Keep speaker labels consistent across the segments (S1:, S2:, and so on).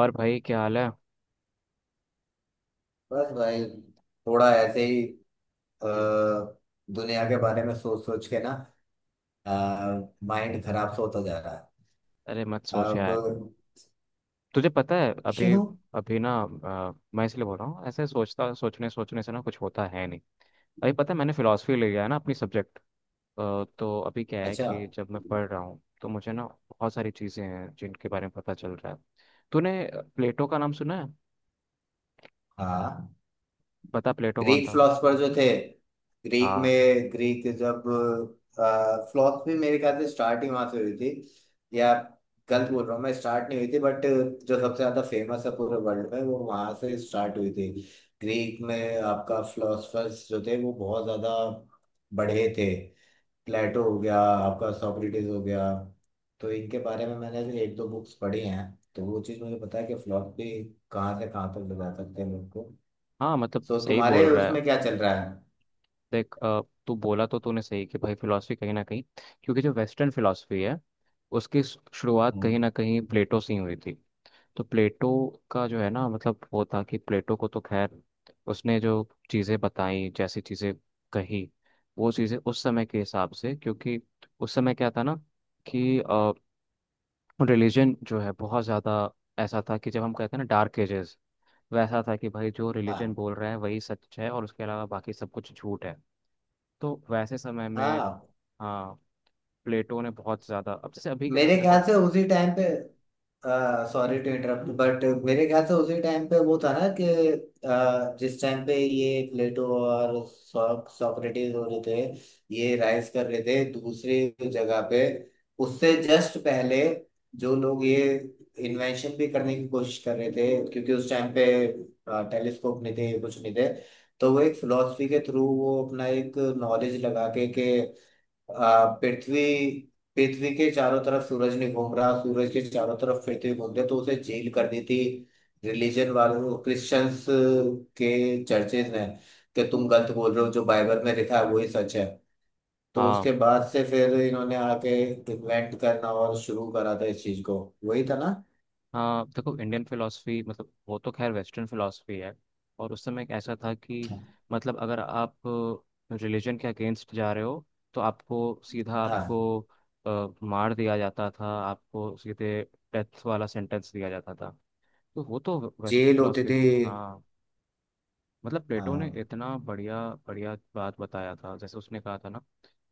S1: और भाई क्या हाल है?
S2: बस भाई थोड़ा ऐसे ही अ, दुनिया के बारे में सोच सोच के ना माइंड खराब सा होता जा रहा है।
S1: अरे मत सोच
S2: अब
S1: यार। तुझे पता है अभी।
S2: क्यों।
S1: अभी ना, मैं इसलिए बोल रहा हूँ ऐसे सोचता सोचने सोचने से ना कुछ होता है नहीं। अभी पता है मैंने फिलोसफी ले लिया है ना अपनी सब्जेक्ट। तो अभी क्या है
S2: अच्छा।
S1: कि जब मैं पढ़ रहा हूँ तो मुझे ना बहुत सारी चीज़ें हैं जिनके बारे में पता चल रहा है। तूने प्लेटो का नाम सुना है?
S2: हाँ,
S1: पता प्लेटो कौन
S2: ग्रीक
S1: था?
S2: फिलोसफर जो थे। ग्रीक
S1: हाँ।
S2: में ग्रीक जब फिलोसफी मेरे ख्याल से स्टार्ट ही वहां से हुई थी। या गलत बोल रहा हूँ, मैं स्टार्ट नहीं हुई थी, बट जो सबसे ज्यादा फेमस है पूरे वर्ल्ड में वो वहां से स्टार्ट हुई थी। ग्रीक में आपका फिलोसफर्स जो थे वो बहुत ज्यादा बढ़े थे। प्लेटो हो गया आपका, सोक्रेटिस हो गया। तो इनके बारे में मैंने भी एक दो बुक्स पढ़ी हैं। तो वो चीज़ मुझे पता है कि फिलोसफी कहाँ से कहाँ तक ले जा सकते हैं लोग को।
S1: हाँ मतलब
S2: सो
S1: सही बोल
S2: तुम्हारे
S1: रहा है।
S2: उसमें क्या चल रहा है।
S1: देख, तू बोला तो तूने सही कि भाई फिलॉसफी कहीं ना कहीं, क्योंकि जो वेस्टर्न फिलॉसफी है उसकी शुरुआत
S2: हम्म।
S1: कहीं ना कहीं प्लेटो से ही हुई थी। तो प्लेटो का जो है ना, मतलब वो था कि प्लेटो को तो खैर, उसने जो चीज़ें बताई, जैसी चीज़ें कही, वो चीज़ें उस समय के हिसाब से, क्योंकि उस समय क्या था ना, कि रिलीजन जो है बहुत ज़्यादा ऐसा था कि, जब हम कहते हैं ना डार्क एजेस, वैसा था कि भाई जो रिलीजन
S2: हाँ।
S1: बोल रहे हैं वही सच है और उसके अलावा बाकी सब कुछ झूठ है। तो वैसे समय में
S2: हाँ।
S1: हाँ प्लेटो ने बहुत ज़्यादा। अब जैसे अभी के
S2: मेरे
S1: समय देखो
S2: ख्याल
S1: ना।
S2: से उसी टाइम पे, सॉरी टू इंटरप्ट, बट मेरे ख्याल से उसी टाइम पे वो था ना कि जिस टाइम पे ये प्लेटो और सोक्रेटिस हो रहे थे, ये राइज कर रहे थे, दूसरी जगह पे उससे जस्ट पहले जो लोग ये इन्वेंशन भी करने की कोशिश कर रहे थे, क्योंकि उस टाइम पे टेलीस्कोप नहीं थे, कुछ नहीं थे। तो वो एक फिलोसफी के थ्रू, वो अपना एक नॉलेज लगा के, पृथ्वी पृथ्वी के चारों तरफ सूरज नहीं घूम रहा, सूरज के चारों तरफ पृथ्वी घूमते, तो उसे जेल कर दी थी रिलीजन वालों, क्रिश्चियंस के चर्चेज ने, कि तुम गलत बोल रहे हो, जो बाइबल में लिखा है वही सच है। तो
S1: हाँ।
S2: उसके बाद से फिर इन्होंने आके इन्वेंट करना और शुरू करा था इस चीज को। वही था ना।
S1: हाँ देखो, इंडियन फिलोसफी मतलब वो तो खैर, वेस्टर्न फिलोसफी है। और उस समय एक ऐसा था कि मतलब अगर आप रिलीजन के अगेंस्ट जा रहे हो तो आपको सीधा, आपको
S2: हाँ,
S1: मार दिया जाता था, आपको सीधे डेथ वाला सेंटेंस दिया जाता था। तो वो तो वेस्टर्न
S2: जेल होती
S1: फिलोसफी
S2: थी।
S1: थी। हाँ, मतलब प्लेटो ने
S2: हाँ।
S1: इतना बढ़िया बढ़िया बात बताया था। जैसे उसने कहा था ना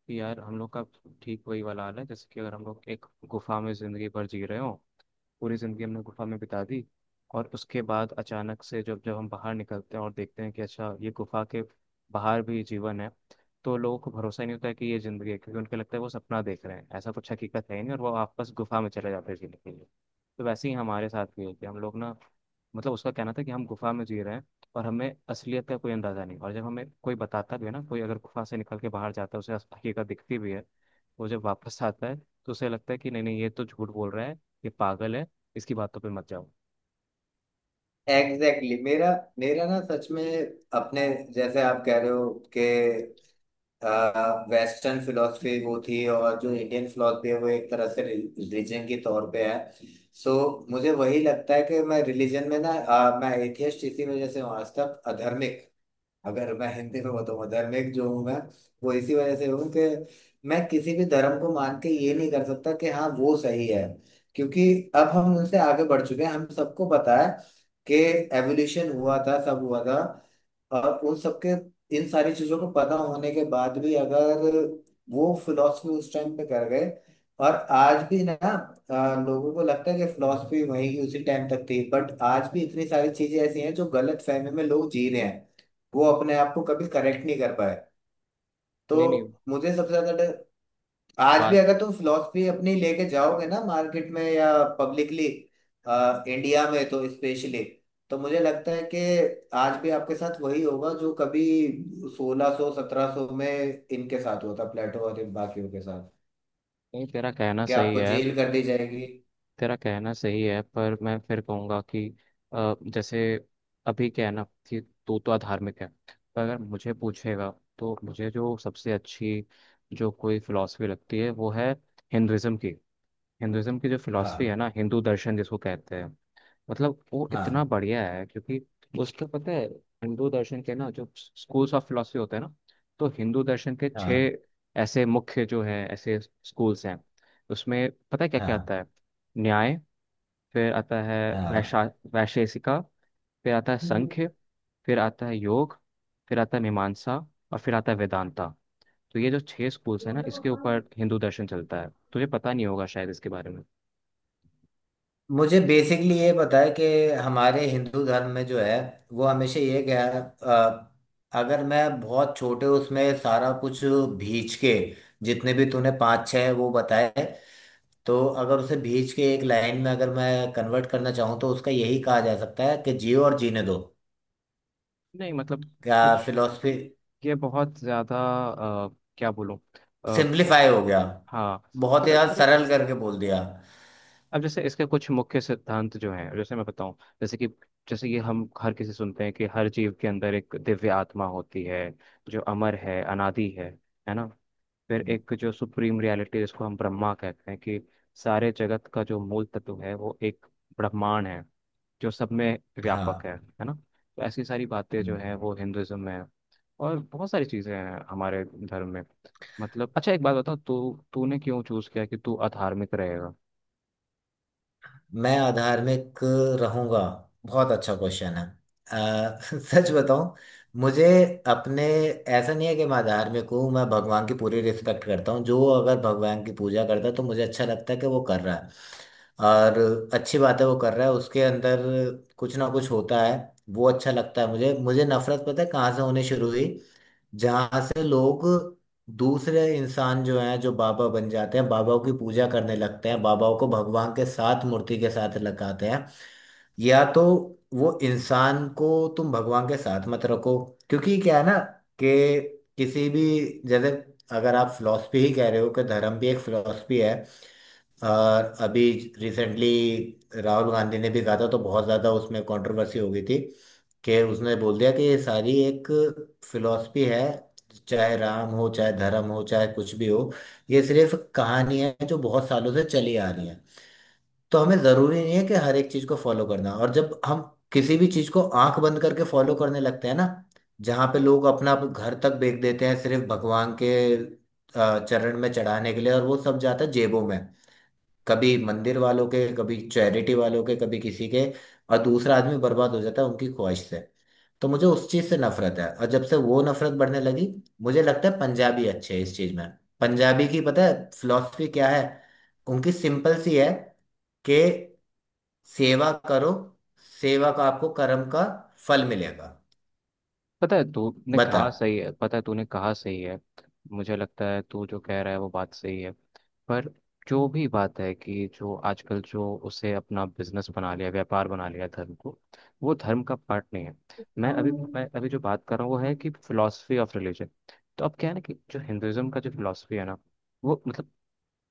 S1: कि यार हम लोग का ठीक वही वाला हाल है जैसे कि अगर हम लोग एक गुफा में ज़िंदगी भर जी रहे हो, पूरी ज़िंदगी हमने गुफा में बिता दी, और उसके बाद अचानक से जब जब हम बाहर निकलते हैं और देखते हैं कि अच्छा ये गुफा के बाहर भी जीवन है, तो लोगों को भरोसा ही नहीं होता है कि ये ज़िंदगी है, क्योंकि उनको लगता है वो सपना देख रहे हैं, ऐसा कुछ हकीकत है ही नहीं, और वो वापस गुफा में चले जाते हैं जीने के लिए। तो वैसे ही हमारे साथ भी है, कि हम लोग ना मतलब, उसका कहना था कि हम गुफा में जी रहे हैं और हमें असलियत का कोई अंदाजा नहीं, और जब हमें कोई बताता भी है ना, कोई अगर गुफा से निकल के बाहर जाता है, उसे हकीकत दिखती भी है, वो जब वापस आता है तो उसे लगता है कि नहीं नहीं ये तो झूठ बोल रहा है, ये पागल है, इसकी बातों पे मत जाओ।
S2: Exactly exactly. मेरा मेरा ना सच में अपने, जैसे आप कह रहे हो कि वेस्टर्न फिलोसफी वो थी, और जो इंडियन फिलोसफी है वो एक तरह से रिलीजन के तौर पे है। सो मुझे वही लगता है कि मैं रिलीजन में ना, मैं एथियस्ट इसी वजह से हूँ आज तक। अधर्मिक, अगर मैं हिंदी में बताऊँ, धार्मिक जो हूँ मैं, वो इसी वजह से हूँ कि मैं किसी भी धर्म को मान के ये नहीं कर सकता कि हाँ वो सही है। क्योंकि अब हम उनसे आगे बढ़ चुके हैं, हम सबको पता है कि एवोल्यूशन हुआ था, सब हुआ था। और उन सबके, इन सारी चीजों को पता होने के बाद भी, अगर वो फिलॉसफी उस टाइम पे कर गए, और आज भी ना, लोगों को लगता है कि फिलॉसफी वही की उसी टाइम तक थी, बट आज भी इतनी सारी चीजें ऐसी हैं जो गलत फहमी में लोग जी रहे हैं। वो अपने आप को कभी करेक्ट नहीं कर पाए।
S1: नहीं नहीं
S2: तो मुझे सबसे ज्यादा डर, आज भी
S1: बात,
S2: अगर तुम फिलोसफी अपनी लेके जाओगे ना मार्केट में या पब्लिकली, इंडिया में तो स्पेशली, तो मुझे लगता है कि आज भी आपके साथ वही होगा जो कभी 1600 1700 में इनके साथ हुआ था, प्लेटो और इन बाकियों के साथ,
S1: नहीं तेरा कहना
S2: कि
S1: सही
S2: आपको
S1: है।
S2: जेल कर दी जाएगी।
S1: तेरा कहना सही है, पर मैं फिर कहूँगा कि जैसे अभी क्या है ना, कि तू तो अधार्मिक है, पर अगर मुझे पूछेगा तो मुझे जो सबसे अच्छी जो कोई फिलॉसफी लगती है वो है हिंदुइज्म की। हिंदुइज्म की जो फिलॉसफी
S2: हाँ,
S1: है ना, हिंदू दर्शन जिसको कहते हैं, मतलब वो इतना
S2: हाँ,
S1: बढ़िया है। क्योंकि उसका पता है, हिंदू दर्शन के ना जो स्कूल्स ऑफ फिलॉसफी होते हैं ना, तो हिंदू दर्शन के छह
S2: हाँ,
S1: ऐसे मुख्य जो है ऐसे स्कूल्स हैं। उसमें पता है क्या क्या आता
S2: हाँ,
S1: है? न्याय, फिर आता है वैशा वैशेषिका, फिर आता है
S2: हाँ।
S1: संख्य, फिर आता है योग, फिर आता है मीमांसा, और फिर आता है वेदांता। तो ये जो छह स्कूल्स हैं ना, इसके ऊपर हिंदू दर्शन चलता है। तुझे पता नहीं होगा शायद इसके बारे में।
S2: मुझे बेसिकली ये पता है कि हमारे हिंदू धर्म में जो है वो हमेशा ये गया, अगर मैं बहुत छोटे उसमें सारा कुछ भींच के, जितने भी तूने पाँच छः वो बताए, तो अगर उसे भींच के एक लाइन में अगर मैं कन्वर्ट करना चाहूँ तो उसका यही कहा जा सकता है कि जियो और जीने दो।
S1: नहीं मतलब
S2: क्या
S1: कुछ
S2: फिलोसफी।
S1: ये बहुत ज़्यादा, अ, क्या बोलूँ।
S2: सिंप्लीफाई हो गया।
S1: हाँ,
S2: बहुत ही
S1: पर
S2: ज्यादा
S1: मतलब,
S2: सरल करके बोल दिया।
S1: अब जैसे इसके कुछ मुख्य सिद्धांत जो हैं, जैसे मैं बताऊं, जैसे कि, जैसे ये हम हर किसी सुनते हैं कि हर जीव के अंदर एक दिव्य आत्मा होती है जो अमर है, अनादि है ना। फिर एक जो सुप्रीम रियलिटी जिसको हम ब्रह्मा कहते हैं, कि सारे जगत का जो मूल तत्व है वो एक ब्रह्मांड है, जो सब में व्यापक है
S2: हाँ।
S1: है ना। तो ऐसी सारी बातें जो हैं वो हिंदुज्म में है, और बहुत सारी चीज़ें हैं हमारे धर्म में। मतलब अच्छा एक बात बताओ, तू तूने क्यों चूज किया कि तू अधार्मिक रहेगा?
S2: मैं आधार्मिक रहूंगा। बहुत अच्छा क्वेश्चन है। सच बताऊं, मुझे अपने, ऐसा नहीं है कि मैं आधार्मिक हूँ। मैं भगवान की पूरी रिस्पेक्ट करता हूँ, जो अगर भगवान की पूजा करता है तो मुझे अच्छा लगता है कि वो कर रहा है। और अच्छी बात है वो कर रहा है, उसके अंदर कुछ ना कुछ होता है, वो अच्छा लगता है मुझे। मुझे नफरत पता है कहाँ से होनी शुरू हुई। जहां से लोग, दूसरे इंसान जो हैं, जो बाबा बन जाते हैं, बाबाओं की पूजा करने लगते हैं, बाबाओं को भगवान के साथ, मूर्ति के साथ लगाते हैं, या तो वो इंसान को तुम भगवान के साथ मत रखो। क्योंकि क्या है ना कि किसी भी, जैसे, अगर आप फिलॉसफी ही कह रहे हो कि धर्म भी एक फिलॉसफी है, और अभी रिसेंटली राहुल गांधी ने भी कहा था तो बहुत ज़्यादा उसमें कंट्रोवर्सी हो गई थी, कि उसने बोल दिया कि ये सारी एक फिलॉसफी है, चाहे राम हो, चाहे धर्म हो, चाहे कुछ भी हो, ये सिर्फ कहानी है जो बहुत सालों से चली आ रही है। तो हमें जरूरी नहीं है कि हर एक चीज को फॉलो करना, और जब हम किसी भी चीज को आंख बंद करके फॉलो करने लगते हैं ना, जहाँ पे लोग अपना घर तक बेच देते हैं सिर्फ भगवान के चरण में चढ़ाने के लिए, और वो सब जाता है जेबों में, कभी मंदिर वालों के, कभी चैरिटी वालों के, कभी किसी के, और दूसरा आदमी बर्बाद हो जाता है उनकी ख्वाहिश से। तो मुझे उस चीज़ से नफरत है। और जब से वो नफरत बढ़ने लगी, मुझे लगता है पंजाबी अच्छे हैं इस चीज़ में। पंजाबी की पता है फिलॉसफी क्या है, उनकी सिंपल सी है, कि सेवा करो, सेवा का, आपको कर्म का फल मिलेगा।
S1: पता है तूने
S2: बता।
S1: कहा सही है, पता है तूने कहा सही है। मुझे लगता है तू जो कह रहा है वो बात सही है, पर जो भी बात है कि जो आजकल जो उसे अपना बिजनेस बना लिया, व्यापार बना लिया धर्म को, वो धर्म का पार्ट नहीं है। मैं अभी जो बात कर रहा हूँ वो है कि फिलोसफी ऑफ रिलीजन। तो अब क्या है ना, कि जो हिंदुइज्म का जो फिलोसफी है ना, वो मतलब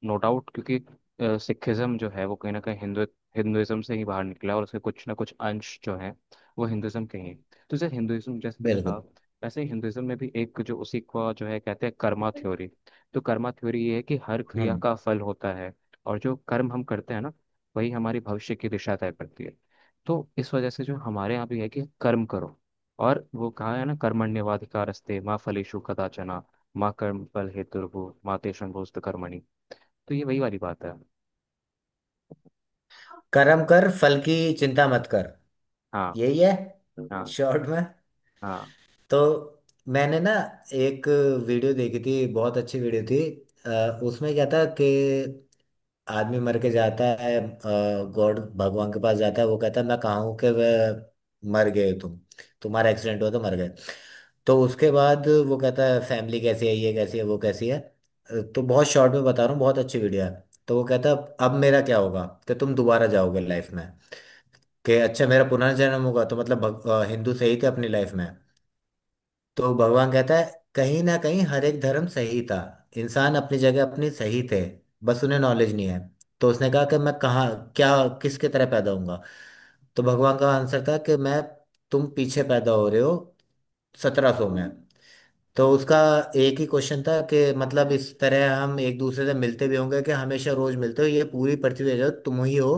S1: नो डाउट, क्योंकि सिखिज्म जो है वो कहीं ना कहीं हिंदू हिंदुइज्म से ही बाहर निकला, और उसके कुछ ना कुछ अंश जो हैं वो हिंदुइज्म के ही हैं। तो जैसे हिंदुइज्म जैसे तुमने कहा,
S2: बिल्कुल।
S1: वैसे ही हिंदुइज्म में भी एक जो उसी को जो है कहते हैं कर्मा थ्योरी। तो कर्मा थ्योरी ये है कि हर क्रिया
S2: हम्म।
S1: का फल होता है, और जो कर्म हम करते हैं ना, वही हमारी भविष्य की दिशा तय करती है। तो इस वजह से जो हमारे यहाँ भी है कि कर्म करो, और वो कहा है ना, कर्मण्यवाधिकारस्ते माँ फलेषु कदाचन, माँ कर्म फल हेतुर्भुः माते शंभोस्त कर्मणि। तो ये वही वाली बात है।
S2: कर्म कर, फल की चिंता मत कर।
S1: हाँ।
S2: यही है।
S1: हाँ।
S2: शॉर्ट में।
S1: हाँ।
S2: तो मैंने ना एक वीडियो देखी थी, बहुत अच्छी वीडियो थी। उसमें क्या था कि आदमी मर के जाता है, गॉड, भगवान के पास जाता है, वो कहता है मैं कहाँ हूँ, कि वह मर गए तुम, तुम्हारा एक्सीडेंट हुआ तो मर गए। तो उसके बाद वो कहता है, फैमिली कैसी है, ये कैसी है, वो कैसी है। तो बहुत शॉर्ट में बता रहा हूँ, बहुत अच्छी वीडियो है। तो वो कहता है अब मेरा क्या होगा, कि तुम दोबारा जाओगे लाइफ में। कि अच्छा, मेरा पुनर्जन्म होगा, तो मतलब हिंदू सही थे अपनी लाइफ में। तो भगवान कहता है, कहीं ना कहीं हर एक धर्म सही था, इंसान अपनी जगह अपनी सही थे, बस उन्हें नॉलेज नहीं है। तो उसने कहा कि मैं कहाँ, क्या, किसके तरह पैदा होऊंगा। तो भगवान का आंसर था कि मैं, तुम पीछे पैदा हो रहे हो 1700 में। तो उसका एक ही क्वेश्चन था कि मतलब इस तरह हम एक दूसरे से मिलते भी होंगे, कि हमेशा रोज मिलते हो, ये पूरी पृथ्वी है जो तुम ही हो,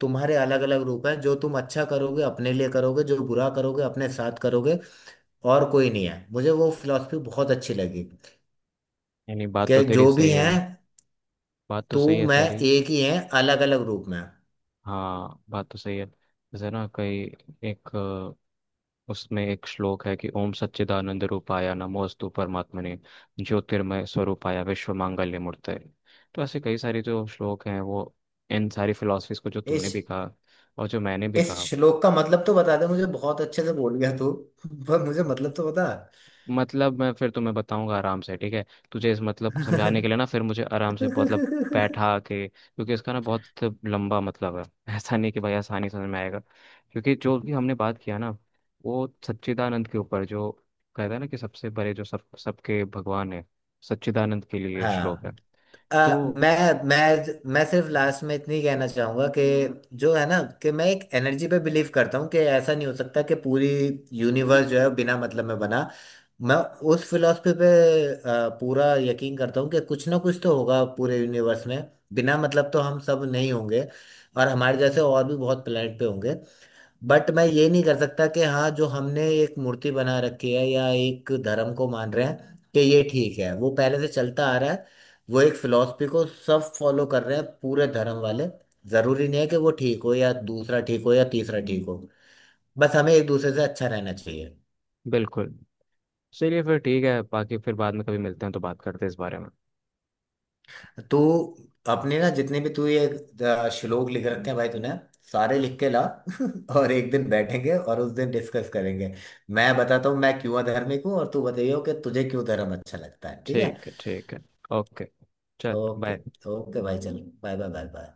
S2: तुम्हारे अलग अलग रूप हैं, जो तुम अच्छा करोगे अपने लिए करोगे, जो बुरा करोगे अपने साथ करोगे, और कोई नहीं है। मुझे वो फिलॉसफी बहुत अच्छी लगी,
S1: यानी बात तो
S2: कि
S1: तेरी
S2: जो भी
S1: सही है।
S2: है,
S1: बात तो
S2: तू,
S1: सही है
S2: मैं,
S1: तेरी।
S2: एक ही है अलग अलग रूप में।
S1: हाँ बात तो सही है। जैसे ना कई एक, उसमें एक श्लोक है कि ओम सच्चिदानंद रूपाय नमोस्तु परमात्मने, ज्योतिर्मय स्वरूपाय विश्व मांगल्य मूर्तये। तो ऐसे कई सारे जो श्लोक हैं, वो इन सारी फिलॉसफीज को जो
S2: इस
S1: तुमने भी कहा और जो मैंने भी
S2: इस
S1: कहा,
S2: श्लोक का मतलब तो बता दे, मुझे बहुत अच्छे से बोल गया तू। पर मुझे मतलब तो बता।
S1: मतलब मैं फिर तुम्हें बताऊंगा आराम से, ठीक है। तुझे इस मतलब को समझाने के लिए ना, फिर मुझे आराम से मतलब बैठा के, क्योंकि इसका ना बहुत लंबा मतलब है। ऐसा नहीं कि भाई आसानी से समझ में आएगा। क्योंकि जो भी हमने बात किया ना, वो सच्चिदानंद के ऊपर जो कहता है ना, कि सबसे बड़े जो सब सबके भगवान है, सच्चिदानंद के लिए ये श्लोक है।
S2: हाँ। अ,
S1: तो
S2: मैं सिर्फ लास्ट में इतनी कहना चाहूंगा कि, जो है ना, कि मैं एक एनर्जी पे बिलीव करता हूँ, कि ऐसा नहीं हो सकता कि पूरी यूनिवर्स जो है बिना मतलब में बना। मैं उस फिलॉसफी पे पूरा यकीन करता हूँ कि कुछ ना कुछ तो होगा पूरे यूनिवर्स में, बिना मतलब तो हम सब नहीं होंगे, और हमारे जैसे और भी बहुत प्लेनेट पे होंगे। बट मैं ये नहीं कर सकता कि हाँ, जो हमने एक मूर्ति बना रखी है या एक धर्म को मान रहे हैं कि ये ठीक है, वो पहले से चलता आ रहा है, वो एक फिलॉसफी को सब फॉलो कर रहे हैं पूरे धर्म वाले। जरूरी नहीं है कि वो ठीक हो या दूसरा ठीक हो या तीसरा ठीक हो, बस हमें एक दूसरे से अच्छा रहना चाहिए।
S1: बिल्कुल। चलिए फिर ठीक है, बाकी फिर बाद में कभी मिलते हैं तो बात करते हैं इस बारे में।
S2: तो अपने ना जितने भी तू ये श्लोक लिख रखे हैं भाई तूने, सारे लिख के ला। और एक दिन बैठेंगे और उस दिन डिस्कस करेंगे, मैं बताता हूँ मैं क्यों अधर्मिक हूँ, और तू बताइयो कि तुझे क्यों धर्म अच्छा लगता है, ठीक है।
S1: ठीक है, ठीक है। ओके, चल
S2: ओके।
S1: बाय।
S2: ओके भाई, चलो बाय बाय बाय बाय।